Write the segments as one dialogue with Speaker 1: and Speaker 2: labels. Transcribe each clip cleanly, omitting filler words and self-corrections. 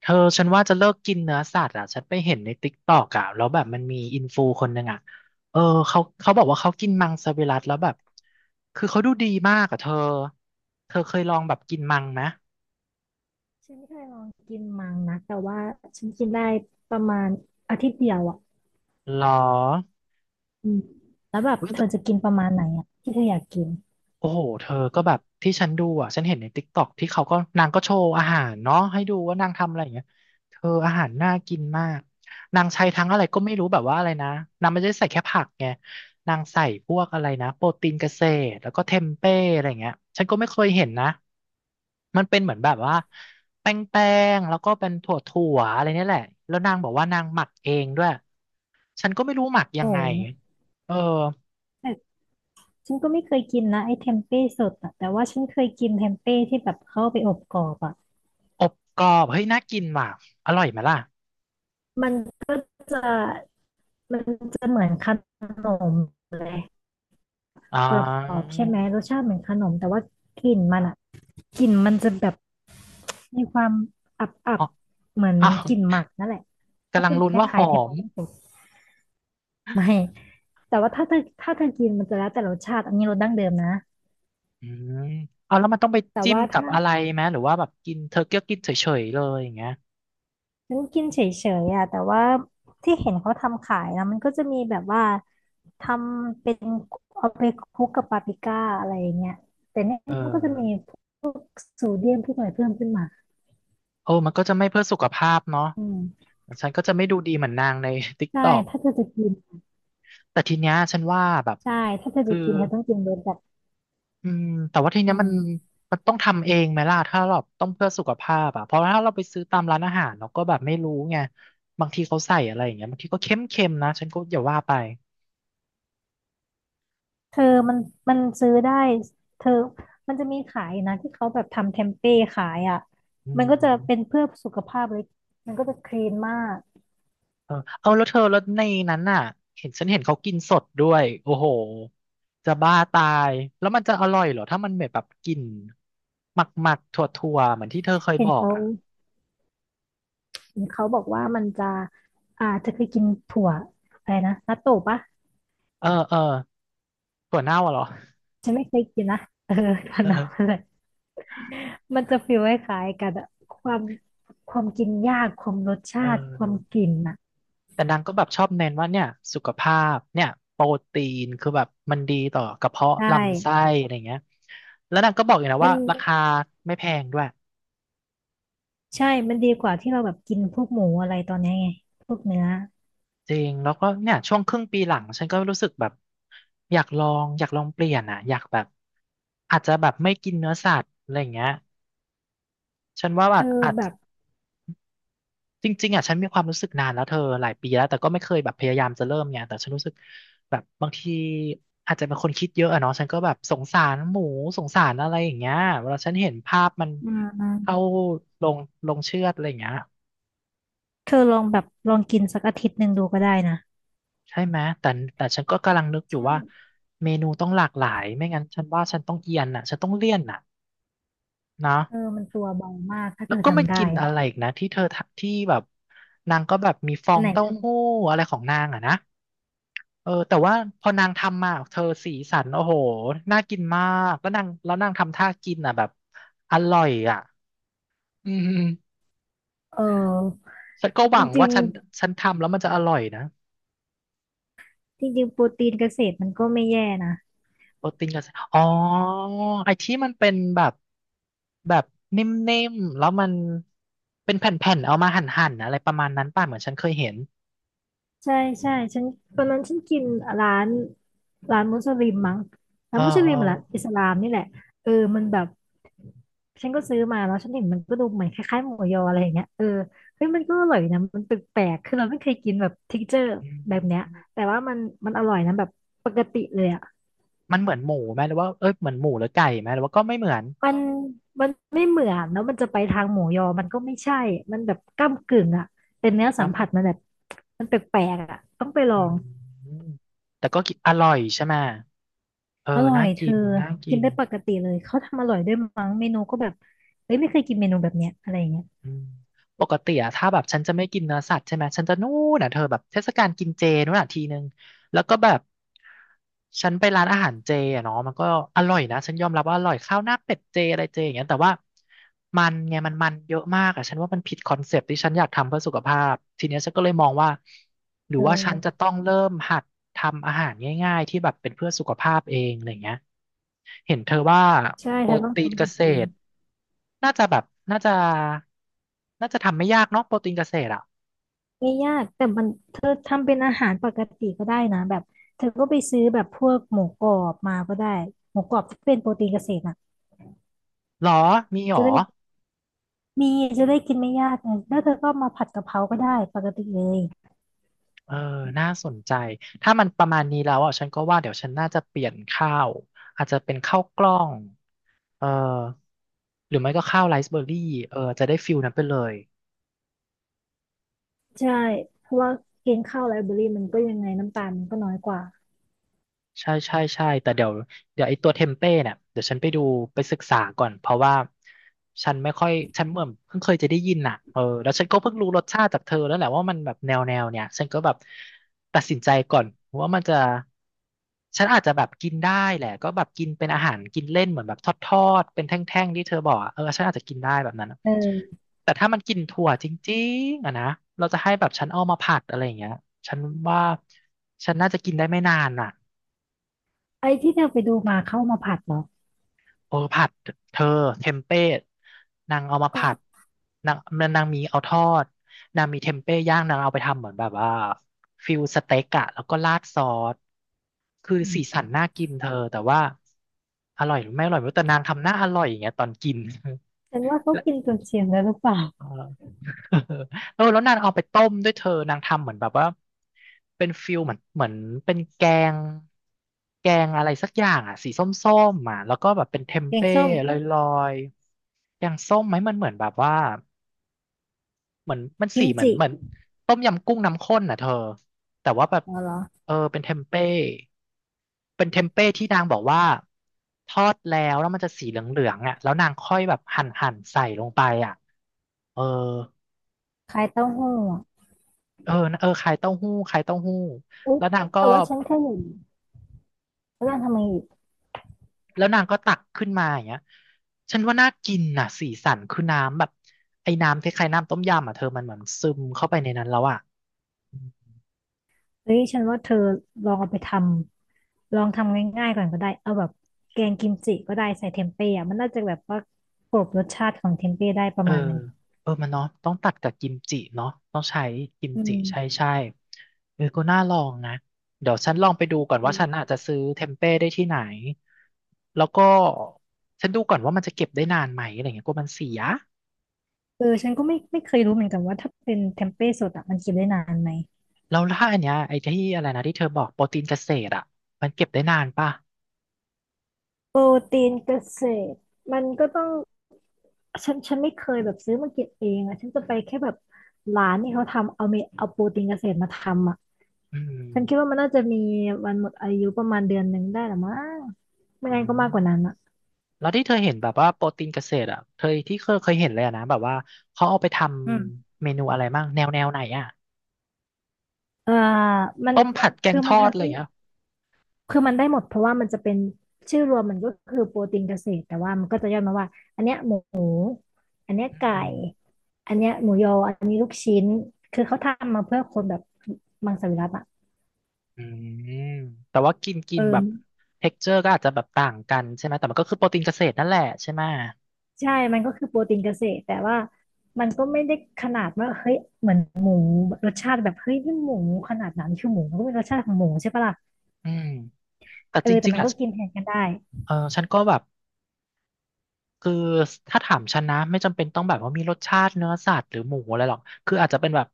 Speaker 1: เธอฉันว่าจะเลิกกินเนื้อสัตว์อ่ะฉันไปเห็นในติ๊กตอกอ่ะแล้วแบบมันมีอินฟูคนหนึ่งอ่ะเออเขาบอกว่าเขากินมังสวิรัติแล้วแบบคือเขาดูดีมากอ่ะเธอเธอเคยลองแบบกินมังไหม
Speaker 2: ฉันไม่เคยลองกินมังนะแต่ว่าฉันกินได้ประมาณอาทิตย์เดียวอ่ะ
Speaker 1: หรอ
Speaker 2: อืมแล้วแบบเธอจะกินประมาณไหนอ่ะที่เธออยากกิน
Speaker 1: โอ้โหเธอก็แบบที่ฉันดูอ่ะ ฉันเห็นในติ๊กต็อกที่เขาก็นางก็โชว์อาหารเนาะให้ดูว่านางทำอะไรอย่างเงี้ยเธออาหารน่ากินมากนางใช้ทั้งอะไรก็ไม่รู้แบบว่าอะไรนะนางไม่ได้ใส่แค่ผักไงนางใส่พวกอะไรนะโปรตีนเกษตรแล้วก็เทมเป้อะไรอย่างเงี้ยฉันก็ไม่เคยเห็นนะมันเป็นเหมือนแบบว่าแป้งแล้วก็เป็นถั่วอะไรเนี่ยแหละแล้วนางบอกว่านางหมักเองด้วย ฉันก็ไม่รู้หมักยั
Speaker 2: โอ้
Speaker 1: งไง
Speaker 2: โห
Speaker 1: เออ
Speaker 2: แต่ฉันก็ไม่เคยกินนะไอ้เทมเป้สดอะแต่ว่าฉันเคยกินเทมเป้ที่แบบเข้าไปอบกรอบอ่ะ
Speaker 1: อบกรอบเฮ้ยน่ากินว่ะ อร่อยไหมล่ะ
Speaker 2: มันก็จะมันจะเหมือนขนมเลย
Speaker 1: อ่
Speaker 2: กรอ
Speaker 1: า
Speaker 2: บๆใช่ไหมรสชาติเหมือนขนมแต่ว่ากลิ่นมันอ่ะกลิ่นมันจะแบบมีความอับ
Speaker 1: อ๋อ
Speaker 2: ๆเหมือน
Speaker 1: อ้าว
Speaker 2: กลิ่นหมักนั่นแหละก็
Speaker 1: กำลัง
Speaker 2: จะ
Speaker 1: ลุ้น
Speaker 2: ค
Speaker 1: ว่าห
Speaker 2: ล้ายๆเท
Speaker 1: อ
Speaker 2: ม
Speaker 1: ม
Speaker 2: เป้สด ไม่ แต่ว่าถ้าเธอกินมันจะแล้วแต่รสชาติอันนี้รสดั้งเดิมนะ
Speaker 1: อืมเอาแล้วมันต้องไป
Speaker 2: แต่
Speaker 1: จิ้ม
Speaker 2: ว่า
Speaker 1: กับ
Speaker 2: ถ้า
Speaker 1: อะไรไหม หรือว่าแบบกินเธอเกี้ยวกินเฉยๆเลยอย่างเงี้ย
Speaker 2: ฉันกินเฉยๆอ่ะแต่ว่าที่เห็นเขาทำขายนะมันก็จะมีแบบว่าทำเป็นเอาไปคลุกกับปาปริก้าอะไรอย่างเงี้ยแต่เนี่ย
Speaker 1: เออ
Speaker 2: มันก็จะมีพวกโซเดียมพวกอะไรเพิ่มขึ้นมา
Speaker 1: โอ้มันก็จะไม่เพื่อสุขภาพเนาะ
Speaker 2: อืม
Speaker 1: ฉันก็จะไม่ดูดีเหมือนนางใน ติ๊ก
Speaker 2: ใช่
Speaker 1: ตอก
Speaker 2: ถ้าเธอจะกิน
Speaker 1: แต่ทีเนี้ยฉันว่าแบบ
Speaker 2: ใช่ถ้าเธอ
Speaker 1: คื
Speaker 2: จะ
Speaker 1: อ
Speaker 2: กินเธอต้องกินรสแบบ
Speaker 1: อืมแต่ว่าทีเนี้
Speaker 2: อื
Speaker 1: ยมัน
Speaker 2: ม
Speaker 1: มันต้องทำเองไหมล่ะ ถ้าเราต้องเพื่อสุขภาพอะเพราะถ้าเราไปซื้อตามร้านอาหารเราก็แบบไม่รู้ไง บางทีเขาใส่อะไรอย่างเงี้ยบางทีก็เค็มๆนะฉันก็อย่าว่าไป
Speaker 2: เธอมันมันซื้อได้เธอมันจะมีขายนะที่เขาแบบทำเทมเป้ขายอ่ะ
Speaker 1: อื
Speaker 2: มันก็จะ
Speaker 1: ม
Speaker 2: เป็นเพื่อสุขภาพเลยมันก็จะคลีนมาก
Speaker 1: เออเอาแล้วเธอแล้วในนั้นน่ะเห็นฉันเห็นเขากินสดด้วย โอ้โห จะบ้าตาย แล้วมันจะอร่อยเหรอ ถ้ามันเหมือนแบบกลิ่นหมักหมักถั่วถั่วๆเหมือนที่เธอเคย
Speaker 2: เห็
Speaker 1: บ
Speaker 2: น
Speaker 1: อก
Speaker 2: เขา
Speaker 1: อ่ะ
Speaker 2: เห็นเขาบอกว่ามันจะอ่าเธอเคยกินถั่วอะไรนะนัตโตะปะ
Speaker 1: เออเออถั่วเน่าอะเหรอ
Speaker 2: ฉันไม่เคยกินนะเออพนมอะ
Speaker 1: เออ
Speaker 2: ไรมันจะฟีลคล้ายๆกันอะความความกินยากความรส
Speaker 1: เอ
Speaker 2: ชาติความ
Speaker 1: อ
Speaker 2: กลิ่นอ่ะ
Speaker 1: แต่นางก็แบบชอบเน้นว่าเนี่ยสุขภาพเนี่ยโปรตีนคือแบบมันดีต่อกระเพาะ
Speaker 2: ใช่
Speaker 1: ลำไส้อะไรเงี้ยแล้วนางก็บอกอีกนะ
Speaker 2: มัน
Speaker 1: ว่าราคาไม่แพงด้วย
Speaker 2: ใช่มันดีกว่าที่เราแบบกินพวกหมูอะไรตอนเนี้ยไงพวกเนื้อ
Speaker 1: จริงแล้วก็เนี่ยช่วงครึ่งปีหลังฉันก็รู้สึกแบบอยากลองเปลี่ยนอ่ะอยากแบบอาจจะแบบไม่กินเนื้อสัตว์อะไรอย่างเงี้ยฉันว่าแบ
Speaker 2: เธ
Speaker 1: บ
Speaker 2: อ
Speaker 1: อาจ
Speaker 2: แบบ
Speaker 1: จริงๆอ่ะฉันมีความรู้สึกนานแล้วเธอหลายปีแล้วแต่ก็ไม่เคยแบบพยายามจะเริ่มเนี่ยแต่ฉันรู้สึกแบบบางทีอาจจะเป็นคนคิดเยอะอะเนาะฉันก็แบบสงสารหมูสงสารอะไรอย่างเงี้ยเวลาฉันเห็นภาพมัน
Speaker 2: อื
Speaker 1: เข้า
Speaker 2: ม
Speaker 1: ลงลงเชือดอะไรอย่างเงี้ย
Speaker 2: เธอลองแบบลองกินสักอาทิตย์หนึ่งดูก็ได้นะ
Speaker 1: ใช่ไหมแต่แต่ฉันก็กำลังนึกอยู่
Speaker 2: ใช่
Speaker 1: ว่าเมนูต้องหลากหลายไม่งั้นฉันว่าฉันต้องเอียนอ่ะฉันต้องเลี่ยนอ่ะนะ
Speaker 2: เออมันตัวเบามากถ้าเธ
Speaker 1: แล้ว
Speaker 2: อ
Speaker 1: ก็มัน
Speaker 2: ทำ
Speaker 1: กิ
Speaker 2: ได้
Speaker 1: น
Speaker 2: อะ
Speaker 1: อะไรอีกนะที่เธอทะที่แบบนางก็แบบมีฟอ
Speaker 2: อัน
Speaker 1: ง
Speaker 2: ไหน
Speaker 1: เต้า
Speaker 2: นะ
Speaker 1: หู้อะไรของนางอ่ะนะเออแต่ว่าพอนางทำมาเธอสีสันโอ้โหน่ากินมากแล้วนางทำท่ากินอ่ะแบบอร่อยอ่ะอืม
Speaker 2: เออ
Speaker 1: ฉันก็ห
Speaker 2: จ
Speaker 1: วัง
Speaker 2: ริ
Speaker 1: ว่า
Speaker 2: ง
Speaker 1: ฉันทำแล้วมันจะอร่อยนะ
Speaker 2: ๆจริงๆโปรตีนเกษตรมันก็ไม่แย่นะ
Speaker 1: โปรตีนกับอ๋อไอ้ที่มันเป็นแบบแบบนิ่มๆแล้วมันเป็นแผ่นๆเอามาหั่นๆอะไรประมาณนั้นป่ะเหมือนฉันเคยเห็น
Speaker 2: ใช่ใช่ฉันตอนนั้นฉันกินร้านมุสลิมมั้ง ร้า
Speaker 1: เอ
Speaker 2: น
Speaker 1: อ
Speaker 2: มุส
Speaker 1: เออ
Speaker 2: ลิมหรืออิสลามนี่แหละเออมันแบบฉันก็ซื้อมาแล้วฉันเห็นมันก็ดูเหมือนคล้ายๆหมูยออะไรอย่างเงี้ยเออเฮ้ยมันก็อร่อยนะมันแปลกๆคือเราไม่เคยกินแบบ texture
Speaker 1: อื
Speaker 2: แบบเนี้ย
Speaker 1: ม
Speaker 2: แต่ว่ามันอร่อยนะแบบปกติเลยอะ
Speaker 1: มันเหมือนหมูไหมหรือว่าเอ้ยเหมือนหมูหรือไก่ไหมหรือว่าก็ไม่เหมือน
Speaker 2: มันมันไม่เหมือนแล้วมันจะไปทางหมูยอมันก็ไม่ใช่มันแบบก้ำกึ่งอ่ะเป็นเนื้อสัมผัส
Speaker 1: จ
Speaker 2: มันแบบมันแปลกๆอ่ะต้องไปล
Speaker 1: ำ
Speaker 2: อง
Speaker 1: อืมแต่ก็กินอร่อยใช่ไหมเออ
Speaker 2: อร่อ
Speaker 1: น่า
Speaker 2: ยเธ
Speaker 1: กิ
Speaker 2: อ
Speaker 1: นน่า
Speaker 2: กิ
Speaker 1: กิ
Speaker 2: น
Speaker 1: น
Speaker 2: ได้ปกติเลยเขาทำอร่อยด้วยมั้งเมนูก็แบบเฮ้ยไม่เคยกินเมนูแบบเนี้ยอะไรอย่างเงี้ย
Speaker 1: อืมปกติอะถ้าแบบฉันจะไม่กินเนื้อสัตว์ใช่ไหมฉันจะนู่นอะเธอแบบเทศกาลกินเจนู่นอะทีนึงแล้วก็แบบฉันไปร้านอาหารเจอะเนาะมันก็อร่อยนะฉันยอมรับว่าอร่อยข้าวหน้าเป็ดเจอะไรเจอย่างเงี้ยแต่ว่ามันไงมันเยอะมากอะฉันว่ามันผิดคอนเซปต์ที่ฉันอยากทำเพื่อสุขภาพทีเนี้ยฉันก็เลยมองว่าหรือ
Speaker 2: เอ
Speaker 1: ว่าฉันจะ
Speaker 2: อ
Speaker 1: ต้องเริ่มหัดทำอาหารง่ายๆที่แบบเป็นเพื่อสุขภาพเองอะไรเงี้ย เห็นเธอว่า
Speaker 2: ใช่
Speaker 1: โป
Speaker 2: เธ
Speaker 1: ร
Speaker 2: อต้อง
Speaker 1: ตีนเก
Speaker 2: ทำหา
Speaker 1: ษ
Speaker 2: เอง
Speaker 1: ตรน่าจะแบบน่าจะน่าจะทำไม่ยากเนาะโปรตีนเกษตรอ่ะ
Speaker 2: ไม่ยากแต่มันเธอทำเป็นอาหารปกติก็ได้นะแบบเธอก็ไปซื้อแบบพวกหมูกรอบมาก็ได้หมูกรอบที่เป็นโปรตีนเกษตรอ่ะ
Speaker 1: หรอมีหร
Speaker 2: จะ
Speaker 1: อ
Speaker 2: ได้ มีจะได้กินไม่ยากไงแล้วเธอก็มาผัดกะเพราก็ได้ปกติเลย
Speaker 1: เออน่าสนใจถ้ามันประมาณนี้แล้วอ่ะฉันก็ว่าเดี๋ยวฉันน่าจะเปลี่ยนข้าวอาจจะเป็นข้าวกล้องเออหรือไม่ก็ข้าวไรซ์เบอร์รี่เออจะได้ฟิลนั้นไปเลย
Speaker 2: ใช่เพราะว่ากินข้าวไลฟ์เบอรี่มันก็ยังไงน้ำตาลมันก็น้อยกว่า
Speaker 1: ใช่ใช่ใช่แต่เดี๋ยวไอ้ตัวเทมเป้เนี่ยเดี๋ยวฉันไปดูไปศึกษาก่อนเพราะว่าฉันไม่ค่อยฉันเหมือนเพิ่งเคยจะได้ยินน่ะเออแล้วฉันก็เพิ่งรู้รสชาติจากเธอแล้วแหละว่ามันแบบแนวเนี่ยฉันก็แบบตัดสินใจก่อนว่ามันจะฉันอาจจะแบบกินได้แหละก็แบบกินเป็นอาหารกินเล่นเหมือนแบบทอดๆเป็นแท่งๆที่เธอบอกอะเออฉันอาจจะกินได้แบบนั้นอะ
Speaker 2: เออ
Speaker 1: แต่ถ้ามันกินถั่วจริงๆอะนะเราจะให้แบบฉันเอามาผัดอะไรอย่างเงี้ยฉันว่าฉันน่าจะกินได้ไม่นานน่ะ
Speaker 2: ไอ้ที่เธอไปดูมาเข้ามาผัดเหรอ
Speaker 1: โอ้ผัดเธอเทมเป้นางเอามา
Speaker 2: อ๋อ
Speaker 1: ผัดนางนางมีเอาทอดนางมีเทมเป้ย่างนางเอาไปทำเหมือนแบบว่าฟิลสเต็กอะแล้วก็ราดซอสคือ
Speaker 2: อื
Speaker 1: สีสั
Speaker 2: ม
Speaker 1: นน่ากินเธอแต่ว่าอร่อยหรือไม่อร่อยไม่รู้แต่นางทำหน้าอร่อยอย่างเงี้ยตอนกิน
Speaker 2: ฉันว่าเขา
Speaker 1: และ
Speaker 2: กินจนเสียงแล้วหรือเปล่า
Speaker 1: เออ เออแล้วนางเอาไปต้มด้วยเธอนางทำเหมือนแบบว่าเป็นฟิลเหมือนเหมือนเป็นแกงแกงอะไรสักอย่างอ่ะสีส้มๆอ่ะแล้วก็แบบเป็นเทม
Speaker 2: แกง
Speaker 1: เป้
Speaker 2: ส้ม
Speaker 1: ลอยๆแกงส้มไหมมันเหมือนแบบว่าเหมือนมัน
Speaker 2: กิ
Speaker 1: สี
Speaker 2: ม
Speaker 1: เหมือน
Speaker 2: จิ
Speaker 1: เหมือนต้มยำกุ้งน้ำข้นน่ะเธอแต่ว่าแบบ
Speaker 2: เอเหรอ
Speaker 1: เออเป็นเทมเป้เป็นเทมเป้ที่นางบอกว่าทอดแล้วมันจะสีเหลืองๆอ่ะแล้วนางค่อยแบบหั่นใส่ลงไปอ่ะเออ
Speaker 2: คล้ายเต้าหู้อะ
Speaker 1: เออเออขายเต้าหู้ขายเต้าหู้
Speaker 2: อุ๊ย
Speaker 1: แล้วนางก็
Speaker 2: แต่ว่าฉันแค่เห็นแล้วนางทำไมอีก
Speaker 1: แล้วนางก็ตักขึ้นมาอย่างเงี้ยฉันว่าน่ากินน่ะสีสันคือน้ำแบบไอ้น้ำคล้ายๆน้ำต้มยำอ่ะเธอมันเหมือนซึมเข้าไปในนั้นแล้วอ่ะ
Speaker 2: เฮ้ยฉันว่าเธอลองเอาไปทำลองทำง่ายๆก่อนก็ได้เอาแบบแกงกิมจิก็ได้ใส่เทมเป้อะมันน่าจะแบบว่ากลบรสชาติของเทมเป้ได้ป
Speaker 1: เอ
Speaker 2: ระ
Speaker 1: อ
Speaker 2: มาณนึง
Speaker 1: เออมันเนาะต้องตัดกับกิมจิเนาะต้องใช้กิม
Speaker 2: อื
Speaker 1: จิใช่
Speaker 2: ม
Speaker 1: ใช่เออก็น่าลองนะเดี๋ยวฉันลองไปดูก่อน
Speaker 2: อื
Speaker 1: ว่าฉันอา
Speaker 2: ม
Speaker 1: จจะซื้อเทมเป้ได้ที่ไหนแล้วก็ฉันดูก่อนว่ามันจะเก็บได้นานไหมอะไรเงี้ยกลัวมันเสีย
Speaker 2: เออฉันก็ไม่เคยรู้เหมือนกันว่าถ้าเป็นเทมเป้สดอะมันกินได้นานไหม
Speaker 1: แล้วถ้าอันเนี้ยไอ้ที่อะไรนะที่เธอบอกโปรตีนเกษตรอ่ะมันเก็บได้นานป่ะ
Speaker 2: โปรตีนเกษตรมันก็ต้องฉันไม่เคยแบบซื้อมาเกิบเองอะฉันจะไปแค่แบบร้านที่เขาทำเอาเมเอาโปรตีนเกษตรมาทำอะ
Speaker 1: อื
Speaker 2: ฉันคิดว่า
Speaker 1: ม
Speaker 2: มันน่าจะมีวันหมดอายุประมาณเดือนหนึ่งได้หรือมั้งไม่
Speaker 1: อื
Speaker 2: งั้นก็มาก
Speaker 1: ม
Speaker 2: กว่านั้นอะ
Speaker 1: แล้วที่เธอเห็นแบบว่าโปรตีนเกษตรอ่ะเธอที่เคยเห็นเลยอะนะแบบว่าเขาเอาไปท
Speaker 2: อืม
Speaker 1: ำเมนูอะไรบ้างแนวไหนอ่ะ
Speaker 2: เอ่อมัน
Speaker 1: ต้มผัดแก
Speaker 2: คื
Speaker 1: ง
Speaker 2: อ
Speaker 1: ท
Speaker 2: มัน
Speaker 1: อดอะ
Speaker 2: ทำ
Speaker 1: ไรอ
Speaker 2: ได้
Speaker 1: ย่างเงี้ย
Speaker 2: คือมันได้หมดเพราะว่ามันจะเป็นชื่อรวมมันก็คือโปรตีนเกษตรแต่ว่ามันก็จะย่อมาว่าอันเนี้ยหมูอันเนี้ยไก่
Speaker 1: อืม
Speaker 2: อันเนี้ยหมูยออันนี้ลูกชิ้นคือเขาทำมาเพื่อคนแบบมังสวิรัติอ่ะ
Speaker 1: อืมแต่ว่ากินกิ
Speaker 2: เอ
Speaker 1: นแบบ
Speaker 2: อ
Speaker 1: เท็กเจอร์ก็อาจจะแบบต่างกันใช่ไหมแต่มันก็คือโปรตีนเกษตรนั่นแหละใช่ไหม
Speaker 2: ใช่มันก็คือโปรตีนเกษตรแต่ว่ามันก็ไม่ได้ขนาดว่าเฮ้ยเหมือนหมูรสชาติแบบเฮ้ยนี่หมูขนาดนั้นคือหมูมันก็เป็นรสชาติของหมูใช่ปะล่ะ
Speaker 1: อืมแต่
Speaker 2: เออ
Speaker 1: จ
Speaker 2: แต่
Speaker 1: ริง
Speaker 2: มั
Speaker 1: ๆ
Speaker 2: น
Speaker 1: อ่ะ
Speaker 2: ก็กินแทนกันได้
Speaker 1: เออฉันก็แบบ คือถ้าถามฉันนะไม่จำเป็นต้องแบบว่ามีรสชาติเนื้อสัตว์หรือหมูอะไรหรอกคืออาจจะเป็นแบบ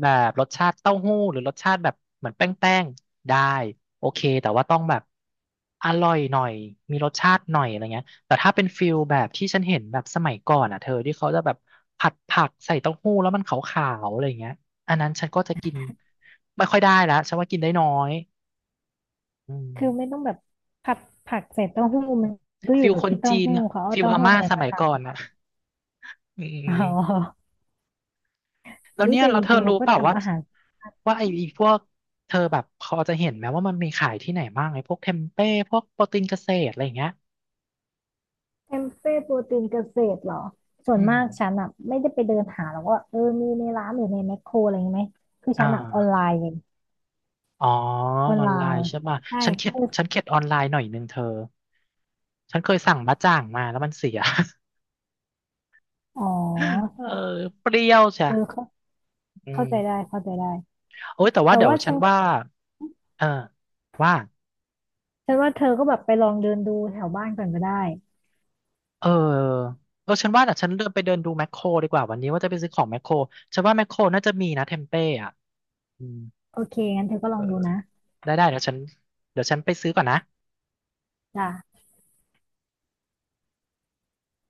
Speaker 1: แบบรสชาติเต้าหู้หรือรสชาติแบบเหมือนแป้งแป้งได้โอเคแต่ว่าต้องแบบอร่อยหน่อยมีรสชาติหน่อยอะไรเงี้ยแต่ถ้าเป็นฟิลแบบที่ฉันเห็นแบบสมัยก่อนอ่ะเธอที่เขาจะแบบผัดผักใส่เต้าหู้แล้วมันขาวๆอะไรเงี้ยอันนั้นฉันก็จะกินไม่ค่อยได้แล้วฉันว่ากินได้น้อยอืม
Speaker 2: คือไม่ต้องแบบผัดผักใส่เต้าหู้มันก็อ
Speaker 1: ฟิ
Speaker 2: ยู่
Speaker 1: ลคน
Speaker 2: ที่เต้า
Speaker 1: จีน
Speaker 2: หู้เขาเอา
Speaker 1: ฟิล
Speaker 2: เต้า
Speaker 1: อา
Speaker 2: หู้
Speaker 1: ม่า
Speaker 2: อะไร
Speaker 1: ส
Speaker 2: มา
Speaker 1: มัย
Speaker 2: ทำ
Speaker 1: ก่อนอ่ะอื
Speaker 2: อ๋
Speaker 1: ม
Speaker 2: อ
Speaker 1: แล้ว
Speaker 2: นี่
Speaker 1: เนี่ย
Speaker 2: แต่
Speaker 1: เรา
Speaker 2: จ
Speaker 1: เธอ
Speaker 2: ริงๆเรา
Speaker 1: รู้
Speaker 2: ก็
Speaker 1: เปล่าว่า
Speaker 2: ทำอาหาร
Speaker 1: ว่าไอ้พวกเธอแบบพอจะเห็นไหมว่ามันมีขายที่ไหนบ้างไอ้พวกเทมเป้พวกโปรตีนเกษตรอะไรอย่างเงี้ย
Speaker 2: เทมเป้โปรตีนเกษตรเหรอส่ว
Speaker 1: อื
Speaker 2: น
Speaker 1: ม
Speaker 2: มากฉันอ่ะไม่ได้ไปเดินหาหรอกว่าเออมีในร้านหรือในแมคโครอะไรอย่างงี้ไหมคือ
Speaker 1: อ่า
Speaker 2: ฉันอ่ะออนไลน์เลย
Speaker 1: อ๋อ
Speaker 2: ออน
Speaker 1: ออ
Speaker 2: ไล
Speaker 1: นไลน์
Speaker 2: น์
Speaker 1: ใช่ป่ะ
Speaker 2: ใช่คือ
Speaker 1: ฉันเข็ดออนไลน์หน่อยนึงเธอฉันเคยสั่งบะจ่างมาแล้วมันเสีย
Speaker 2: อ๋อ
Speaker 1: เออเปรี้ยวใช่
Speaker 2: เออ
Speaker 1: อื
Speaker 2: เข้า
Speaker 1: ม
Speaker 2: ใจได้เข้าใจได้
Speaker 1: โอ้ยแต่ว่า
Speaker 2: แต่
Speaker 1: เดี๋ยว
Speaker 2: ว่า
Speaker 1: ฉั
Speaker 2: ฉั
Speaker 1: น
Speaker 2: น
Speaker 1: ว่าเออว่า
Speaker 2: ว่าเธอก็แบบไปลองเดินดูแถวบ้านก่อนก็ได้
Speaker 1: เออเออฉันว่าแต่ฉันเดินไปเดินดูแมคโครดีกว่าวันนี้ว่าจะไปซื้อของแมคโครฉันว่าแมคโครน่าจะมีนะเทมเป้อะอืม
Speaker 2: โอเคงั้นเธอก็ล
Speaker 1: เอ
Speaker 2: อ
Speaker 1: อ
Speaker 2: งดูนะ
Speaker 1: ได้ได้เดี๋ยวฉันไปซื้อก่อนนะ
Speaker 2: จ้ะ